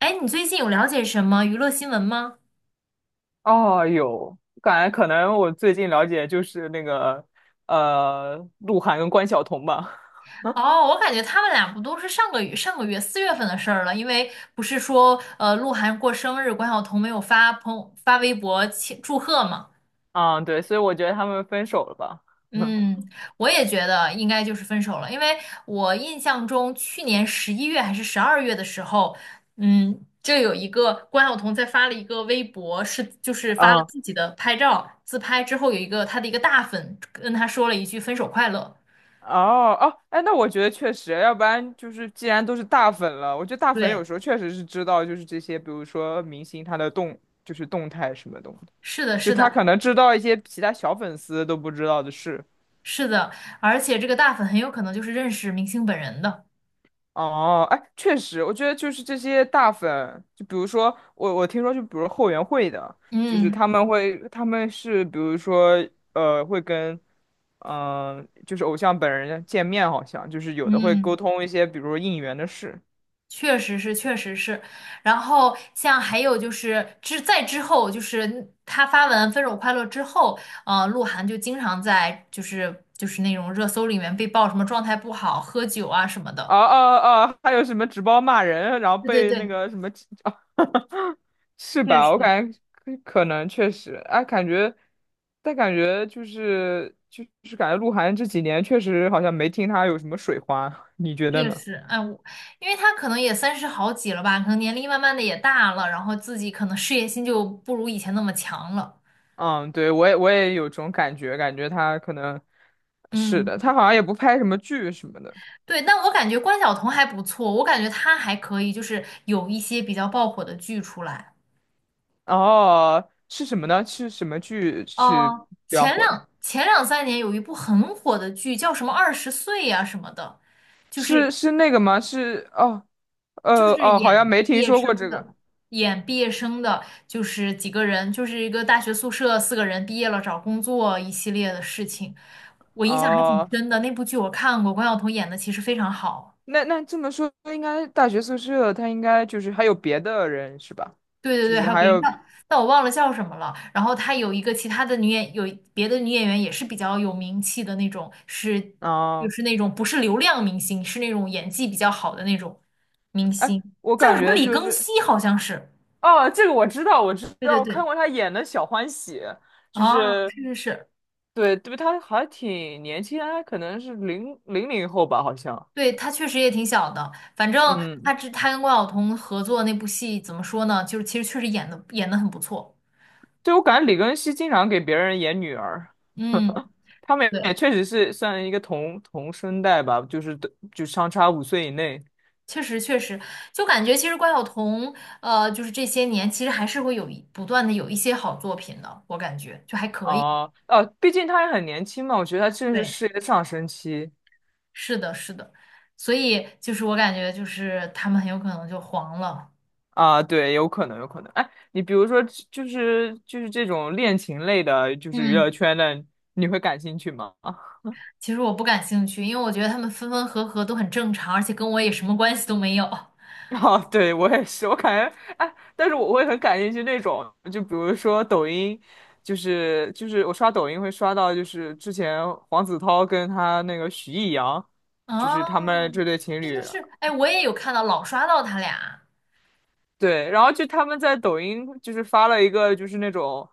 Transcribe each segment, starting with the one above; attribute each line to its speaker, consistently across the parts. Speaker 1: 哎，你最近有了解什么娱乐新闻吗？
Speaker 2: 哦，有，感觉可能我最近了解就是那个鹿晗跟关晓彤吧。
Speaker 1: 哦，我感觉他们俩不都是上个月4月份的事儿了，因为不是说鹿晗过生日，关晓彤没有发朋友发微博庆祝贺嘛？
Speaker 2: 啊，对，所以我觉得他们分手了吧。
Speaker 1: 嗯，我也觉得应该就是分手了，因为我印象中去年11月还是12月的时候，就有一个关晓彤在发了一个微博，就是发
Speaker 2: 啊，
Speaker 1: 了
Speaker 2: 哦
Speaker 1: 自己的拍照自拍之后，有一个她的一个大粉跟她说了一句分手快乐。
Speaker 2: 哦，哎，那我觉得确实，要不然就是既然都是大粉了，我觉得大粉有
Speaker 1: 对，
Speaker 2: 时候确实是知道，就是这些，比如说明星他的动，就是动态什么东西
Speaker 1: 是的，
Speaker 2: 就
Speaker 1: 是
Speaker 2: 他
Speaker 1: 的，
Speaker 2: 可能知道一些其他小粉丝都不知道的事。
Speaker 1: 是的，而且这个大粉很有可能就是认识明星本人的。
Speaker 2: 哦，哎，确实，我觉得就是这些大粉，就比如说我听说，就比如后援会的，就是
Speaker 1: 嗯
Speaker 2: 他们会，他们是比如说，会跟，嗯、就是偶像本人见面，好像就是有的会
Speaker 1: 嗯，
Speaker 2: 沟通一些，比如应援的事。
Speaker 1: 确实是，确实是。然后像还有就是在之后，就是他发文《分手快乐》之后，鹿晗就经常在就是那种热搜里面被曝什么状态不好、喝酒啊什么的。
Speaker 2: 啊啊啊！还有什么直播骂人，然后
Speaker 1: 对对
Speaker 2: 被那
Speaker 1: 对，
Speaker 2: 个什么是
Speaker 1: 确
Speaker 2: 吧？我
Speaker 1: 实
Speaker 2: 感觉可能确实，哎，感觉，但感觉就是感觉鹿晗这几年确实好像没听他有什么水花，你觉得
Speaker 1: 确
Speaker 2: 呢？
Speaker 1: 实，哎，我因为他可能也三十好几了吧，可能年龄慢慢的也大了，然后自己可能事业心就不如以前那么强了。
Speaker 2: 嗯，对，我也有种感觉，感觉他可能是的，
Speaker 1: 嗯。
Speaker 2: 他好像也不拍什么剧什么的。
Speaker 1: 对，但我感觉关晓彤还不错，我感觉她还可以，就是有一些比较爆火的剧出来。
Speaker 2: 哦，是什么呢？是什么剧是
Speaker 1: 哦，
Speaker 2: 比较
Speaker 1: 前
Speaker 2: 火的？
Speaker 1: 两前两三年有一部很火的剧，叫什么《二十岁》呀什么的，就是
Speaker 2: 是是那个吗？是哦，
Speaker 1: 就是
Speaker 2: 好像
Speaker 1: 演
Speaker 2: 没
Speaker 1: 毕
Speaker 2: 听
Speaker 1: 业
Speaker 2: 说过
Speaker 1: 生
Speaker 2: 这个。
Speaker 1: 的，演毕业生的，就是几个人，就是一个大学宿舍4个人毕业了找工作一系列的事情，我印象还挺
Speaker 2: 哦
Speaker 1: 深的。那部剧我看过，关晓彤演的其实非常好。
Speaker 2: 那那这么说，应该大学宿舍他应该就是还有别的人是吧？
Speaker 1: 对对
Speaker 2: 就
Speaker 1: 对，
Speaker 2: 是
Speaker 1: 还有
Speaker 2: 还
Speaker 1: 别人，
Speaker 2: 有
Speaker 1: 但我忘了叫什么了。然后她有别的女演员也是比较有名气的那种，是就
Speaker 2: 啊、
Speaker 1: 是那种不是流量明星，是那种演技比较好的那种明星，
Speaker 2: 我
Speaker 1: 叫
Speaker 2: 感
Speaker 1: 什么
Speaker 2: 觉
Speaker 1: 李
Speaker 2: 就
Speaker 1: 庚
Speaker 2: 是
Speaker 1: 希好像是。
Speaker 2: 哦，这个我知道，我知
Speaker 1: 对
Speaker 2: 道，
Speaker 1: 对
Speaker 2: 我看
Speaker 1: 对，
Speaker 2: 过他演的《小欢喜》，就
Speaker 1: 啊，
Speaker 2: 是
Speaker 1: 是是是，
Speaker 2: 对对，他还挺年轻他可能是零后吧，好像。
Speaker 1: 对，她确实也挺小的。反正她
Speaker 2: 嗯，
Speaker 1: 之她跟关晓彤合作那部戏，怎么说呢？就是其实确实演的很不错。
Speaker 2: 对，我感觉李庚希经常给别人演女儿，
Speaker 1: 嗯，
Speaker 2: 他们
Speaker 1: 对。
Speaker 2: 也确实是算一个同生代吧，就是就相差5岁以内。
Speaker 1: 确实，确实，就感觉其实关晓彤，就是这些年其实还是会不断的有一些好作品的，我感觉就还可以。
Speaker 2: 哦，哦，毕竟他也很年轻嘛，我觉得他正是
Speaker 1: 对，
Speaker 2: 事业的上升期
Speaker 1: 是的，是的，所以就是我感觉就是他们很有可能就黄了。
Speaker 2: 啊，对，有可能，有可能。哎，你比如说，就是这种恋情类的，就是娱乐
Speaker 1: 嗯，
Speaker 2: 圈的，你会感兴趣吗？
Speaker 1: 其实我不感兴趣，因为我觉得他们分分合合都很正常，而且跟我也什么关系都没有。
Speaker 2: 哦，对，我也是，我感觉，哎，但是我会很感兴趣那种，就比如说抖音，就是我刷抖音会刷到，就是之前黄子韬跟他那个许艺洋，就是他们
Speaker 1: 哦，
Speaker 2: 这对情侣。
Speaker 1: 哎，我也有看到老刷到他俩。
Speaker 2: 对，然后就他们在抖音就是发了一个就是那种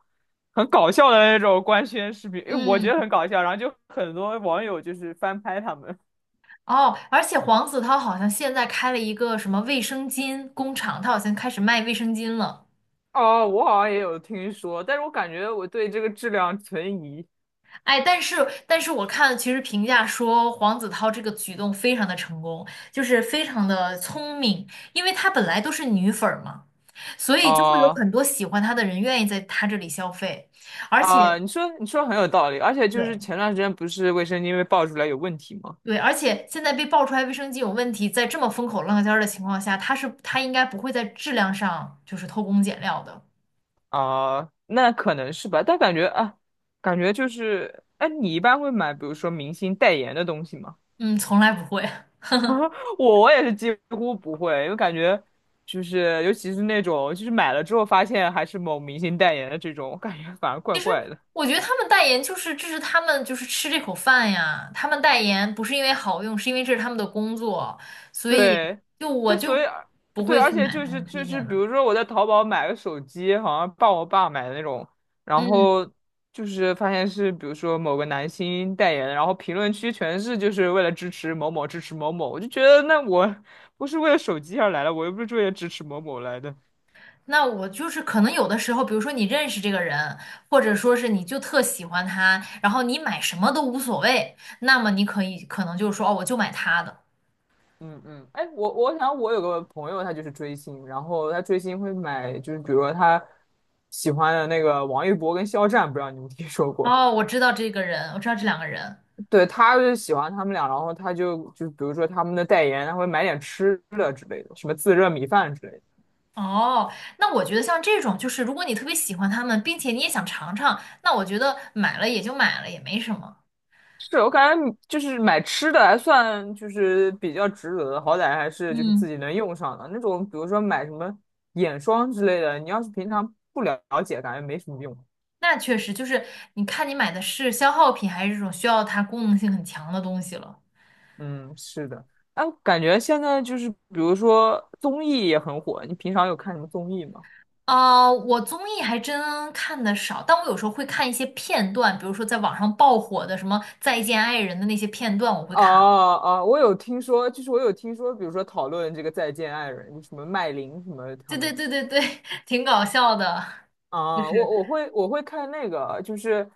Speaker 2: 很搞笑的那种官宣视频，因为我觉
Speaker 1: 嗯，
Speaker 2: 得很搞笑，然后就很多网友就是翻拍他们。
Speaker 1: 哦，而且黄子韬好像现在开了一个什么卫生巾工厂，他好像开始卖卫生巾了。
Speaker 2: 哦，我好像也有听说，但是我感觉我对这个质量存疑。
Speaker 1: 哎，但是我看其实评价说黄子韬这个举动非常的成功，就是非常的聪明，因为她本来都是女粉儿嘛，所以就会有
Speaker 2: 哦，
Speaker 1: 很多喜欢她的人愿意在她这里消费，而
Speaker 2: 啊，
Speaker 1: 且
Speaker 2: 你说很有道理，而且就是
Speaker 1: 对
Speaker 2: 前段时间不是卫生巾被爆出来有问题吗？
Speaker 1: 对，而且现在被爆出来卫生巾有问题，在这么风口浪尖儿的情况下，她应该不会在质量上就是偷工减料的，
Speaker 2: 啊，那可能是吧，但感觉啊，感觉就是，哎，你一般会买比如说明星代言的东西吗？
Speaker 1: 嗯，从来不会。
Speaker 2: 我也是几乎不会，因为感觉就是尤其是那种就是买了之后发现还是某明星代言的这种，我感觉反而怪怪的。
Speaker 1: 我觉得他们代言就是这是他们就是吃这口饭呀，他们代言不是因为好用，是因为这是他们的工作，所以
Speaker 2: 对，
Speaker 1: 就我
Speaker 2: 就所以
Speaker 1: 就不
Speaker 2: 对，
Speaker 1: 会
Speaker 2: 而
Speaker 1: 去
Speaker 2: 且
Speaker 1: 买
Speaker 2: 就
Speaker 1: 他
Speaker 2: 是
Speaker 1: 们
Speaker 2: 就
Speaker 1: 推
Speaker 2: 是，
Speaker 1: 荐
Speaker 2: 比
Speaker 1: 的。
Speaker 2: 如说我在淘宝买个手机，好像帮我爸买的那种，然
Speaker 1: 嗯，
Speaker 2: 后就是发现是比如说某个男星代言的，然后评论区全是就是为了支持某某，我就觉得那我 不是为了手机而来的，我又不是为了支持某某来的。
Speaker 1: 那我就是可能有的时候，比如说你认识这个人，或者说是你就特喜欢他，然后你买什么都无所谓，那么你可能就是说哦，我就买他的。
Speaker 2: 嗯嗯，哎，我想我有个朋友，他就是追星，然后他追星会买，就是比如说他喜欢的那个王一博跟肖战，不知道你们听说过？
Speaker 1: 哦，我知道这个人，我知道这2个人，
Speaker 2: 对，他就喜欢他们俩，然后他就就比如说他们的代言，他会买点吃的之类的，什么自热米饭之类的。
Speaker 1: 哦，那我觉得像这种，就是如果你特别喜欢它们，并且你也想尝尝，那我觉得买了也就买了，也没什么。
Speaker 2: 是我感觉就是买吃的还算就是比较值得的，好歹还是就是
Speaker 1: 嗯，
Speaker 2: 自己能用上的那种，比如说买什么眼霜之类的，你要是平常不了解，感觉没什么用。
Speaker 1: 那确实就是你看你买的是消耗品，还是这种需要它功能性很强的东西了。
Speaker 2: 嗯，是的，哎，感觉现在就是，比如说综艺也很火，你平常有看什么综艺吗？
Speaker 1: 啊、我综艺还真看的少，但我有时候会看一些片段，比如说在网上爆火的什么《再见爱人》的那些片段，我会看。
Speaker 2: 啊啊，我有听说，比如说讨论这个《再见爱人》，就什么麦琳什么他
Speaker 1: 对对
Speaker 2: 们
Speaker 1: 对对对，挺搞笑的，就
Speaker 2: 啊，
Speaker 1: 是。
Speaker 2: 我会看那个，就是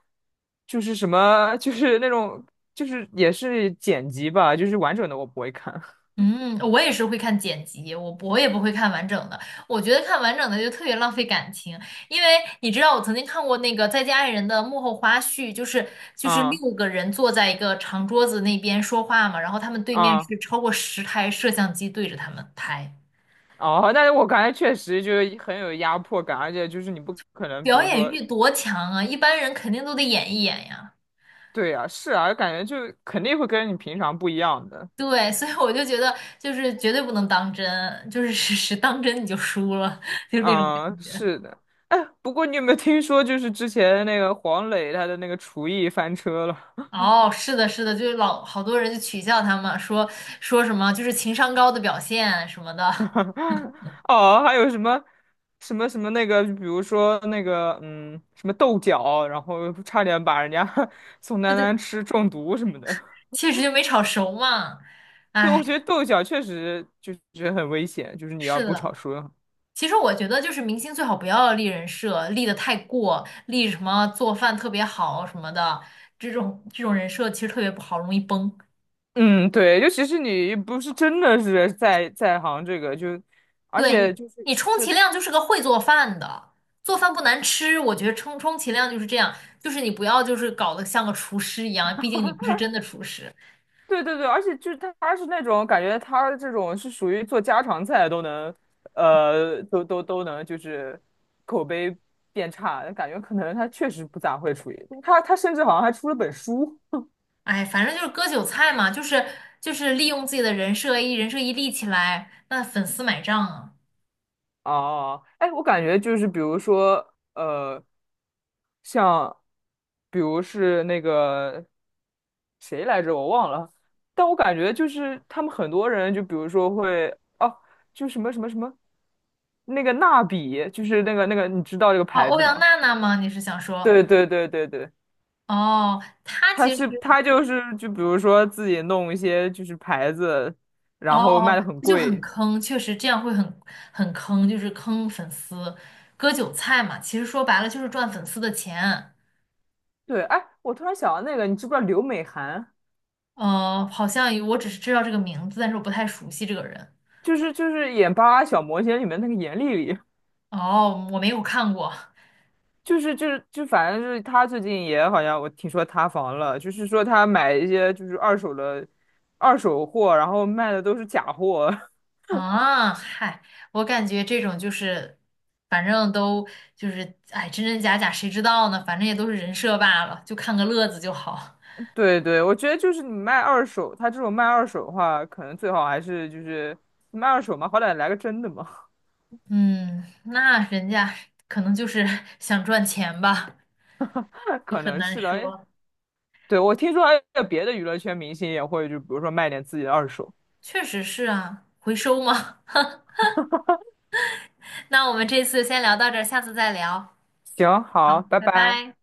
Speaker 2: 就是什么，就是那种就是也是剪辑吧，就是完整的我不会看。
Speaker 1: 嗯，我也是会看剪辑，我也不会看完整的。我觉得看完整的就特别浪费感情，因为你知道我曾经看过那个《再见爱人》的幕后花絮，就是
Speaker 2: 啊
Speaker 1: 6个人坐在一个长桌子那边说话嘛，然后他们对面
Speaker 2: 啊
Speaker 1: 是超过10台摄像机对着他们拍，
Speaker 2: 哦，但是我感觉确实就是很有压迫感，而且就是你不可能，比
Speaker 1: 表
Speaker 2: 如
Speaker 1: 演
Speaker 2: 说
Speaker 1: 欲多强啊！一般人肯定都得演一演呀。
Speaker 2: 对呀，是啊，感觉就肯定会跟你平常不一样的。
Speaker 1: 对，所以我就觉得就是绝对不能当真，就是当真你就输了，就是那种感
Speaker 2: 嗯，
Speaker 1: 觉。
Speaker 2: 是的。哎，不过你有没有听说，就是之前那个黄磊他的那个厨艺翻车了？
Speaker 1: 哦，是的，是的，就是老好多人就取笑他们，说什么就是情商高的表现什么的，
Speaker 2: 哦，还有什么什么那个，比如说那个嗯，什么豆角，然后差点把人家 宋
Speaker 1: 对
Speaker 2: 丹
Speaker 1: 对，
Speaker 2: 丹吃中毒什么的。
Speaker 1: 确实就没炒熟嘛。
Speaker 2: 对，
Speaker 1: 哎，
Speaker 2: 我觉得豆角确实就觉得很危险，就是你要
Speaker 1: 是
Speaker 2: 不炒
Speaker 1: 的，
Speaker 2: 熟。
Speaker 1: 其实我觉得就是明星最好不要立人设，立的太过，立什么做饭特别好什么的，这种人设其实特别不好，容易崩。
Speaker 2: 嗯，对，就其实你不是真的是在在行这个，就而
Speaker 1: 对
Speaker 2: 且
Speaker 1: 你，
Speaker 2: 就是
Speaker 1: 你充
Speaker 2: 对
Speaker 1: 其量就是个会做饭的，做饭不难吃，我觉得充其量就是这样，就是你不要就是搞得像个厨师一样，毕竟你不是真的厨师。
Speaker 2: 对，而且就是他是那种感觉，他这种是属于做家常菜都能，都能就是口碑变差，感觉可能他确实不咋会厨艺，他甚至好像还出了本书
Speaker 1: 哎，反正就是割韭菜嘛，就是利用自己的人设一立起来，那粉丝买账啊。
Speaker 2: 哦，哎，我感觉就是比如说像比如是那个谁来着，我忘了，但我感觉就是他们很多人，就比如说会哦，就什么什么什么那个蜡笔，就是那个，你知道这个
Speaker 1: 哦，
Speaker 2: 牌
Speaker 1: 欧
Speaker 2: 子
Speaker 1: 阳
Speaker 2: 吗？
Speaker 1: 娜娜吗？你是想说？
Speaker 2: 对，
Speaker 1: 哦，她
Speaker 2: 他
Speaker 1: 其实
Speaker 2: 是他就是就比如说自己弄一些就是牌子，
Speaker 1: 哦
Speaker 2: 然后卖
Speaker 1: 哦，
Speaker 2: 的很
Speaker 1: 这就很
Speaker 2: 贵。
Speaker 1: 坑，确实这样会很坑，就是坑粉丝，割韭菜嘛。其实说白了就是赚粉丝的钱。
Speaker 2: 对，哎，我突然想到那个，你知不知道刘美含？
Speaker 1: 好像我只是知道这个名字，但是我不太熟悉这个人。
Speaker 2: 就是演《巴啦小魔仙》里面那个严莉莉。
Speaker 1: 哦，我没有看过。
Speaker 2: 就是就是就反正就是他最近也好像我听说塌房了，就是说他买一些就是二手的二手货，然后卖的都是假货。
Speaker 1: 啊，嗨，我感觉这种就是，反正都就是，哎，真真假假谁知道呢？反正也都是人设罢了，就看个乐子就好。
Speaker 2: 对对，我觉得就是你卖二手，他这种卖二手的话，可能最好还是就是卖二手嘛，好歹来个真的嘛，
Speaker 1: 嗯，那人家可能就是 想赚钱吧，就
Speaker 2: 可
Speaker 1: 很
Speaker 2: 能
Speaker 1: 难
Speaker 2: 是的。哎
Speaker 1: 说。
Speaker 2: 对，我听说还有别的娱乐圈明星也会，就比如说卖点自己的二手。
Speaker 1: 确实是啊，回收吗？那我们这次先聊到这儿，下次再聊，
Speaker 2: 行，好，拜
Speaker 1: 拜
Speaker 2: 拜。
Speaker 1: 拜。